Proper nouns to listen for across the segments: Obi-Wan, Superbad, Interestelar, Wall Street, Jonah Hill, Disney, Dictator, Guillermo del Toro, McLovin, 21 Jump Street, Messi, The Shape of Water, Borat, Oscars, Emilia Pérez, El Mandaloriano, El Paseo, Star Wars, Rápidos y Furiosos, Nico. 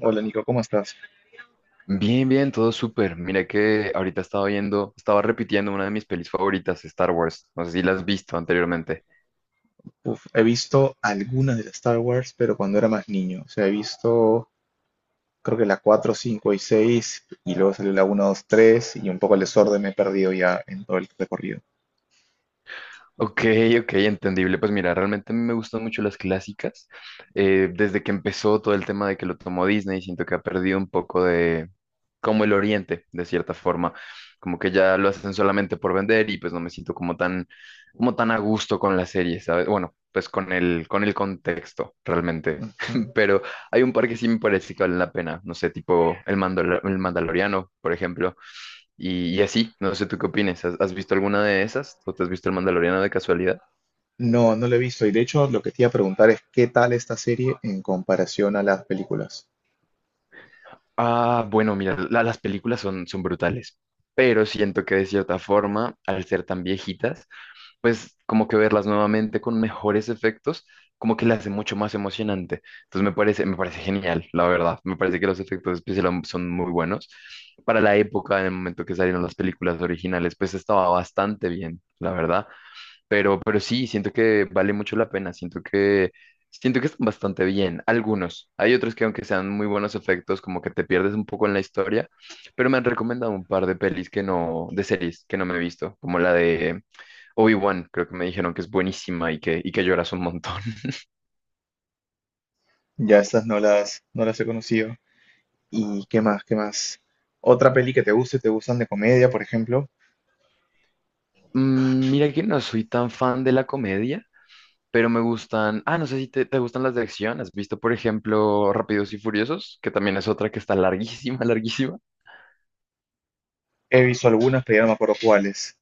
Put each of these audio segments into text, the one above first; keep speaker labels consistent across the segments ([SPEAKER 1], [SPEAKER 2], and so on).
[SPEAKER 1] Hola Nico, ¿cómo estás?
[SPEAKER 2] Bien, bien, todo súper. Mira que ahorita estaba viendo, estaba repitiendo una de mis pelis favoritas, Star Wars. No sé si la has visto anteriormente.
[SPEAKER 1] Uf, he visto algunas de las Star Wars, pero cuando era más niño. O sea, he visto creo que la 4, 5 y 6, y luego salió la uno, 2, 3 y un poco el desorden me he perdido ya en todo el recorrido.
[SPEAKER 2] Ok, ok, entendible. Pues mira, realmente a mí me gustan mucho las clásicas. Desde que empezó todo el tema de que lo tomó Disney, siento que ha perdido un poco de como el oriente, de cierta forma. Como que ya lo hacen solamente por vender y pues no me siento como tan a gusto con la serie, ¿sabes? Bueno, pues con el contexto, realmente.
[SPEAKER 1] Ujú.
[SPEAKER 2] Pero hay un par que sí me parece que valen la pena. No sé, tipo el Mandaloriano, por ejemplo. Y así, no sé tú qué opines. Has visto alguna de esas? ¿O te has visto El Mandaloriano de casualidad?
[SPEAKER 1] No, no lo he visto. Y de hecho, lo que te iba a preguntar es qué tal esta serie en comparación a las películas.
[SPEAKER 2] Ah, bueno, mira, las películas son, son brutales, pero siento que de cierta forma, al ser tan viejitas, pues como que verlas nuevamente con mejores efectos, como que las hace mucho más emocionante. Entonces me parece genial, la verdad. Me parece que los efectos especiales son muy buenos. Para la época, en el momento que salieron las películas originales, pues estaba bastante bien, la verdad. Pero sí, siento que vale mucho la pena. Siento que están bastante bien. Algunos. Hay otros que aunque sean muy buenos efectos, como que te pierdes un poco en la historia. Pero me han recomendado un par de pelis que no, de series que no me he visto, como la de Obi-Wan. Creo que me dijeron que es buenísima y que lloras un montón.
[SPEAKER 1] Ya estas no las he conocido. ¿Y qué más? ¿Qué más? Otra peli que te guste, te gustan de comedia, por ejemplo.
[SPEAKER 2] Mm, mira que no soy tan fan de la comedia, pero me gustan. Ah, no sé si te gustan las de acción. ¿Has visto, por ejemplo, Rápidos y Furiosos? Que también es otra que está larguísima, larguísima.
[SPEAKER 1] He visto algunas, pero ya no me acuerdo cuáles.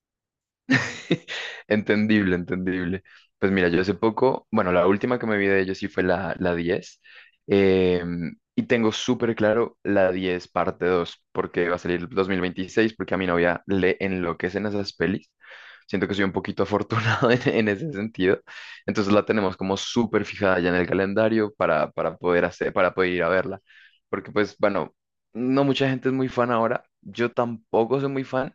[SPEAKER 2] Entendible, entendible. Pues mira, yo hace poco, bueno, la última que me vi de ellos sí fue la 10 y tengo súper claro la 10 parte 2 porque va a salir 2026 porque a mi novia le enloquecen esas pelis. Siento que soy un poquito afortunado en ese sentido. Entonces la tenemos como súper fijada ya en el calendario para poder hacer, para poder ir a verla. Porque pues, bueno, no mucha gente es muy fan ahora. Yo tampoco soy muy fan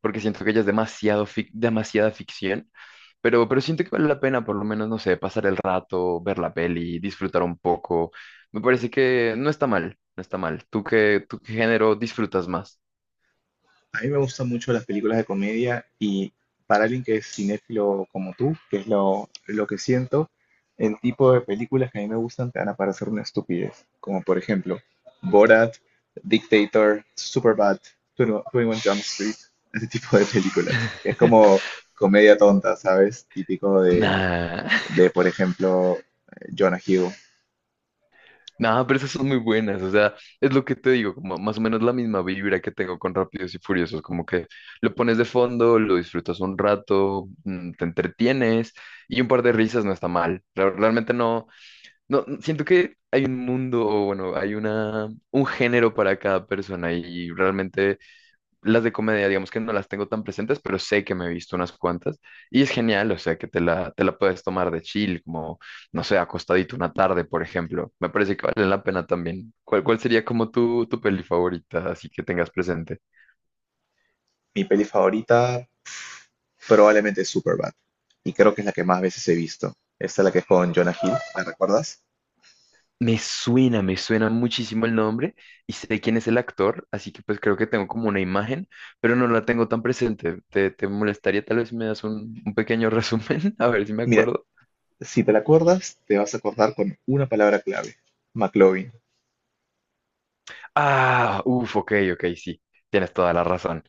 [SPEAKER 2] porque siento que ya es demasiada ficción, pero siento que vale la pena, por lo menos, no sé, pasar el rato, ver la peli, disfrutar un poco. Me parece que no está mal, no está mal. Tú qué género disfrutas más?
[SPEAKER 1] A mí me gustan mucho las películas de comedia y para alguien que es cinéfilo como tú, que es lo que siento, el tipo de películas que a mí me gustan te van a parecer una estupidez, como por ejemplo Borat, Dictator, Superbad, 21 Jump Street, ese tipo de películas. Es como comedia tonta, ¿sabes? Típico
[SPEAKER 2] Nah,
[SPEAKER 1] de por ejemplo, Jonah Hill.
[SPEAKER 2] nah, pero esas son muy buenas, o sea, es lo que te digo, como más o menos la misma vibra que tengo con Rápidos y Furiosos, como que lo pones de fondo, lo disfrutas un rato, mm, te entretienes y un par de risas no está mal. Realmente no. No, siento que hay un mundo, o bueno, hay una, un género para cada persona y realmente las de comedia, digamos que no las tengo tan presentes, pero sé que me he visto unas cuantas y es genial, o sea, que te la puedes tomar de chill, como, no sé, acostadito una tarde, por ejemplo. Me parece que vale la pena también. Cuál sería como tu peli favorita, así que tengas presente?
[SPEAKER 1] Mi peli favorita probablemente es Superbad. Y creo que es la que más veces he visto. Esta es la que es con Jonah Hill, ¿la recuerdas?
[SPEAKER 2] Me suena muchísimo el nombre y sé quién es el actor, así que pues creo que tengo como una imagen, pero no la tengo tan presente. Te molestaría tal vez si me das un pequeño resumen? A ver si me
[SPEAKER 1] Mira,
[SPEAKER 2] acuerdo.
[SPEAKER 1] si te la acuerdas, te vas a acordar con una palabra clave, McLovin.
[SPEAKER 2] Ah, uff, ok, ok, sí, tienes toda la razón.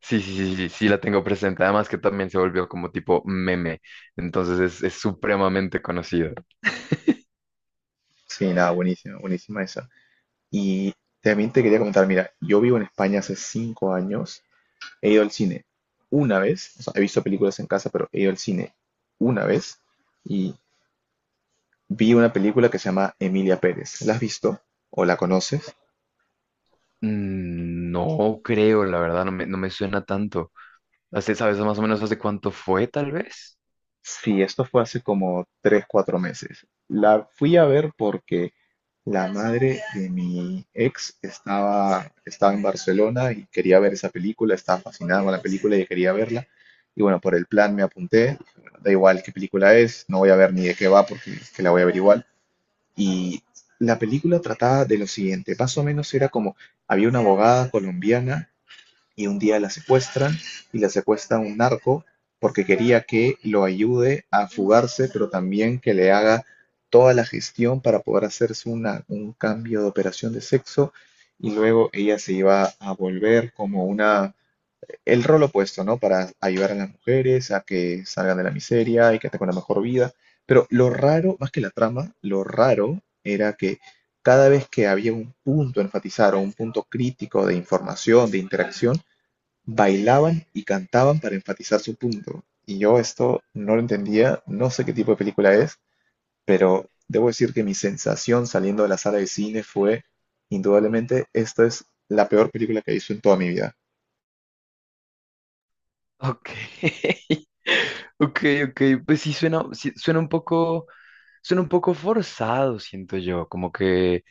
[SPEAKER 2] Sí, sí, sí, sí, sí la tengo presente. Además que también se volvió como tipo meme, entonces es supremamente conocido.
[SPEAKER 1] Sí, nada, buenísima, buenísima esa. Y también te quería comentar, mira, yo vivo en España hace 5 años, he ido al cine una vez, o sea, he visto películas en casa, pero he ido al cine una vez y vi una película que se llama Emilia Pérez. ¿La has visto o la conoces?
[SPEAKER 2] Mm, no creo, la verdad, no me suena tanto. ¿Sabes más o menos hace cuánto fue, tal vez?
[SPEAKER 1] Sí, esto fue hace como tres, cuatro meses. La fui a ver porque la madre de mi ex estaba en Barcelona y quería ver esa película, estaba fascinada con la película y quería verla. Y bueno, por el plan me apunté, bueno, da igual qué película es, no voy a ver ni de qué va porque es que la voy a ver igual. Y la película trataba de lo siguiente, más o menos era como, había una abogada colombiana y un día la secuestran y la secuestra un narco porque quería que lo ayude a fugarse, pero también que le haga toda la gestión para poder hacerse un cambio de operación de sexo y luego ella se iba a volver como una, el rol opuesto, ¿no? Para ayudar a las mujeres a que salgan de la miseria y que tengan una mejor vida. Pero lo raro, más que la trama, lo raro era que cada vez que había un punto a enfatizar o un punto crítico de información, de interacción, bailaban y cantaban para enfatizar su punto. Y yo esto no lo entendía, no sé qué tipo de película es. Debo decir que mi sensación saliendo de la sala de cine fue, indudablemente, esta es la peor película que he visto en toda mi vida.
[SPEAKER 2] Ok. Ok, ok, pues sí suena un poco forzado, siento yo, como que,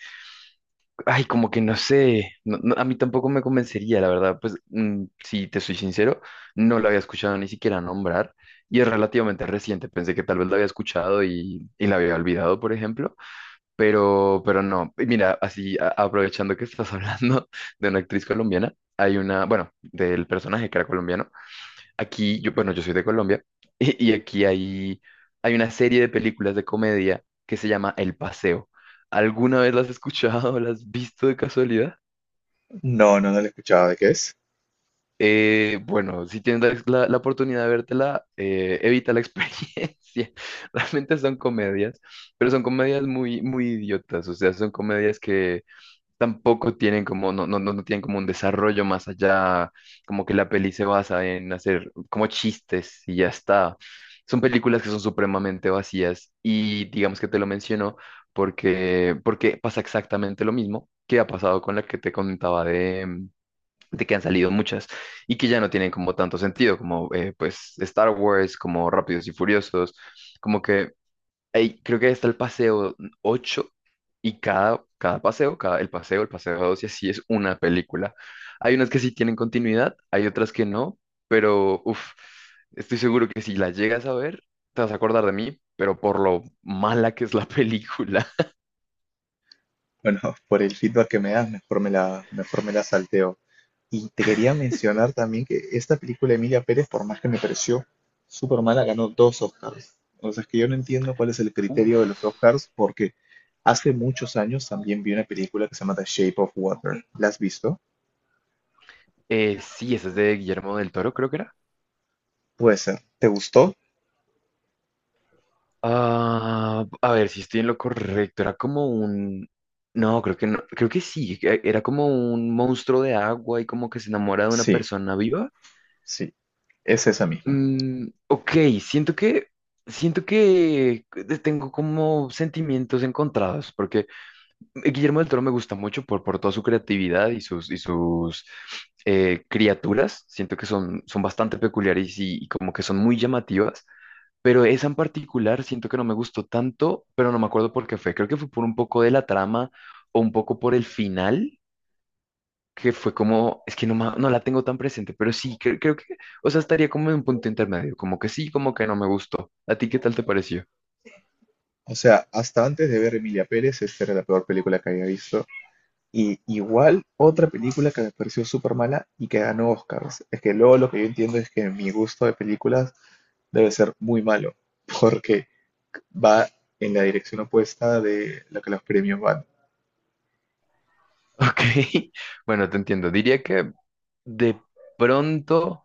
[SPEAKER 2] ay, como que no sé, no, a mí tampoco me convencería, la verdad, pues mm, si te soy sincero, no lo había escuchado ni siquiera nombrar y es relativamente reciente, pensé que tal vez lo había escuchado y la había olvidado, por ejemplo, pero no. Y mira, así aprovechando que estás hablando de una actriz colombiana, hay una, bueno, del personaje que era colombiano. Aquí, yo, bueno, yo soy de Colombia y aquí hay, hay una serie de películas de comedia que se llama El Paseo. ¿Alguna vez las has escuchado o las has visto de casualidad?
[SPEAKER 1] No, no, no la escuchaba. ¿De qué es?
[SPEAKER 2] Bueno, si tienes la oportunidad de vértela, evita la experiencia. Realmente son comedias, pero son comedias muy, muy idiotas. O sea, son comedias que tampoco tienen como, no, no, no tienen como un desarrollo más allá, como que la peli se basa en hacer como chistes y ya está. Son películas que son supremamente vacías y digamos que te lo menciono porque pasa exactamente lo mismo que ha pasado con la que te contaba de que han salido muchas y que ya no tienen como tanto sentido, como pues Star Wars, como Rápidos y Furiosos, como que ahí creo que está el paseo 8 y cada, cada paseo, cada, el paseo, el paseo 2 y así es una película. Hay unas que sí tienen continuidad, hay otras que no, pero uf, estoy seguro que si la llegas a ver, te vas a acordar de mí, pero por lo mala que es la película.
[SPEAKER 1] Bueno, por el feedback que me das, mejor me mejor me la salteo. Y te quería mencionar también que esta película de Emilia Pérez, por más que me pareció súper mala, ganó 2 Oscars. O sea, es que yo no entiendo cuál es el criterio de los
[SPEAKER 2] Uf,
[SPEAKER 1] Oscars, porque hace muchos años también vi una película que se llama The Shape of Water. ¿La has visto?
[SPEAKER 2] sí, esa es de Guillermo del Toro, creo que era.
[SPEAKER 1] Puede ser. ¿Te gustó?
[SPEAKER 2] Ah, a ver si estoy en lo correcto. Era como un. No, creo que no. Creo que sí. Era como un monstruo de agua y como que se enamora de una
[SPEAKER 1] Sí,
[SPEAKER 2] persona viva.
[SPEAKER 1] sí, es esa misma.
[SPEAKER 2] Mm, ok, siento que. Siento que tengo como sentimientos encontrados, porque Guillermo del Toro me gusta mucho por toda su creatividad y sus criaturas. Siento que son, son bastante peculiares y como que son muy llamativas. Pero esa en particular siento que no me gustó tanto, pero no me acuerdo por qué fue. Creo que fue por un poco de la trama o un poco por el final, que fue como, es que no, no la tengo tan presente, pero sí, creo que, o sea, estaría como en un punto intermedio, como que sí, como que no me gustó. ¿A ti qué tal te pareció?
[SPEAKER 1] O sea, hasta antes de ver Emilia Pérez, esta era la peor película que había visto. Y igual, otra película que me pareció súper mala y que ganó Oscars. Es que luego lo que yo entiendo es que mi gusto de películas debe ser muy malo, porque va en la dirección opuesta de lo que los premios van.
[SPEAKER 2] Ok, bueno, te entiendo. Diría que de pronto...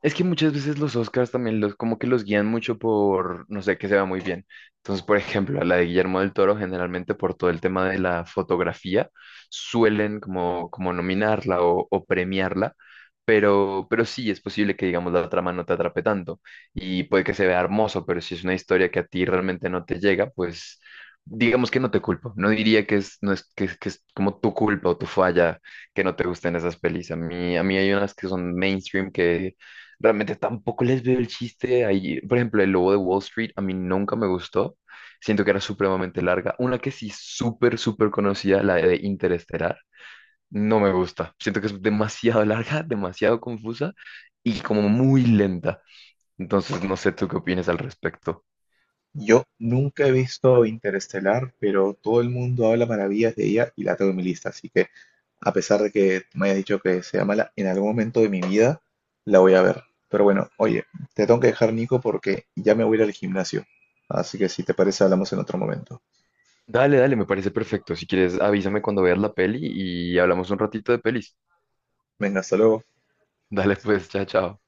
[SPEAKER 2] Es que muchas veces los Oscars también como que los guían mucho por, no sé, que se va muy bien. Entonces, por ejemplo, a la de Guillermo del Toro, generalmente por todo el tema de la fotografía, suelen como, como nominarla o premiarla, pero sí es posible que, digamos, la trama no te atrape tanto y puede que se vea hermoso, pero si es una historia que a ti realmente no te llega, pues digamos que no te culpo. No diría que es, no es, que, es- que es como tu culpa o tu falla que no te gusten esas pelis. A mí hay unas que son mainstream que realmente tampoco les veo el chiste ahí. Por ejemplo, el lobo de Wall Street a mí nunca me gustó. Siento que era supremamente larga. Una que sí súper, súper conocida, la de Interestelar, no me gusta. Siento que es demasiado larga, demasiado confusa y como muy lenta. Entonces, no sé tú qué opinas al respecto.
[SPEAKER 1] Yo nunca he visto Interestelar, pero todo el mundo habla maravillas de ella y la tengo en mi lista. Así que, a pesar de que me hayas dicho que sea mala, en algún momento de mi vida la voy a ver. Pero bueno, oye, te tengo que dejar, Nico, porque ya me voy a ir al gimnasio. Así que si te parece, hablamos en otro momento.
[SPEAKER 2] Dale, dale, me parece perfecto. Si quieres, avísame cuando veas la peli y hablamos un ratito de pelis.
[SPEAKER 1] Venga, hasta luego.
[SPEAKER 2] Dale, pues, chao, chao.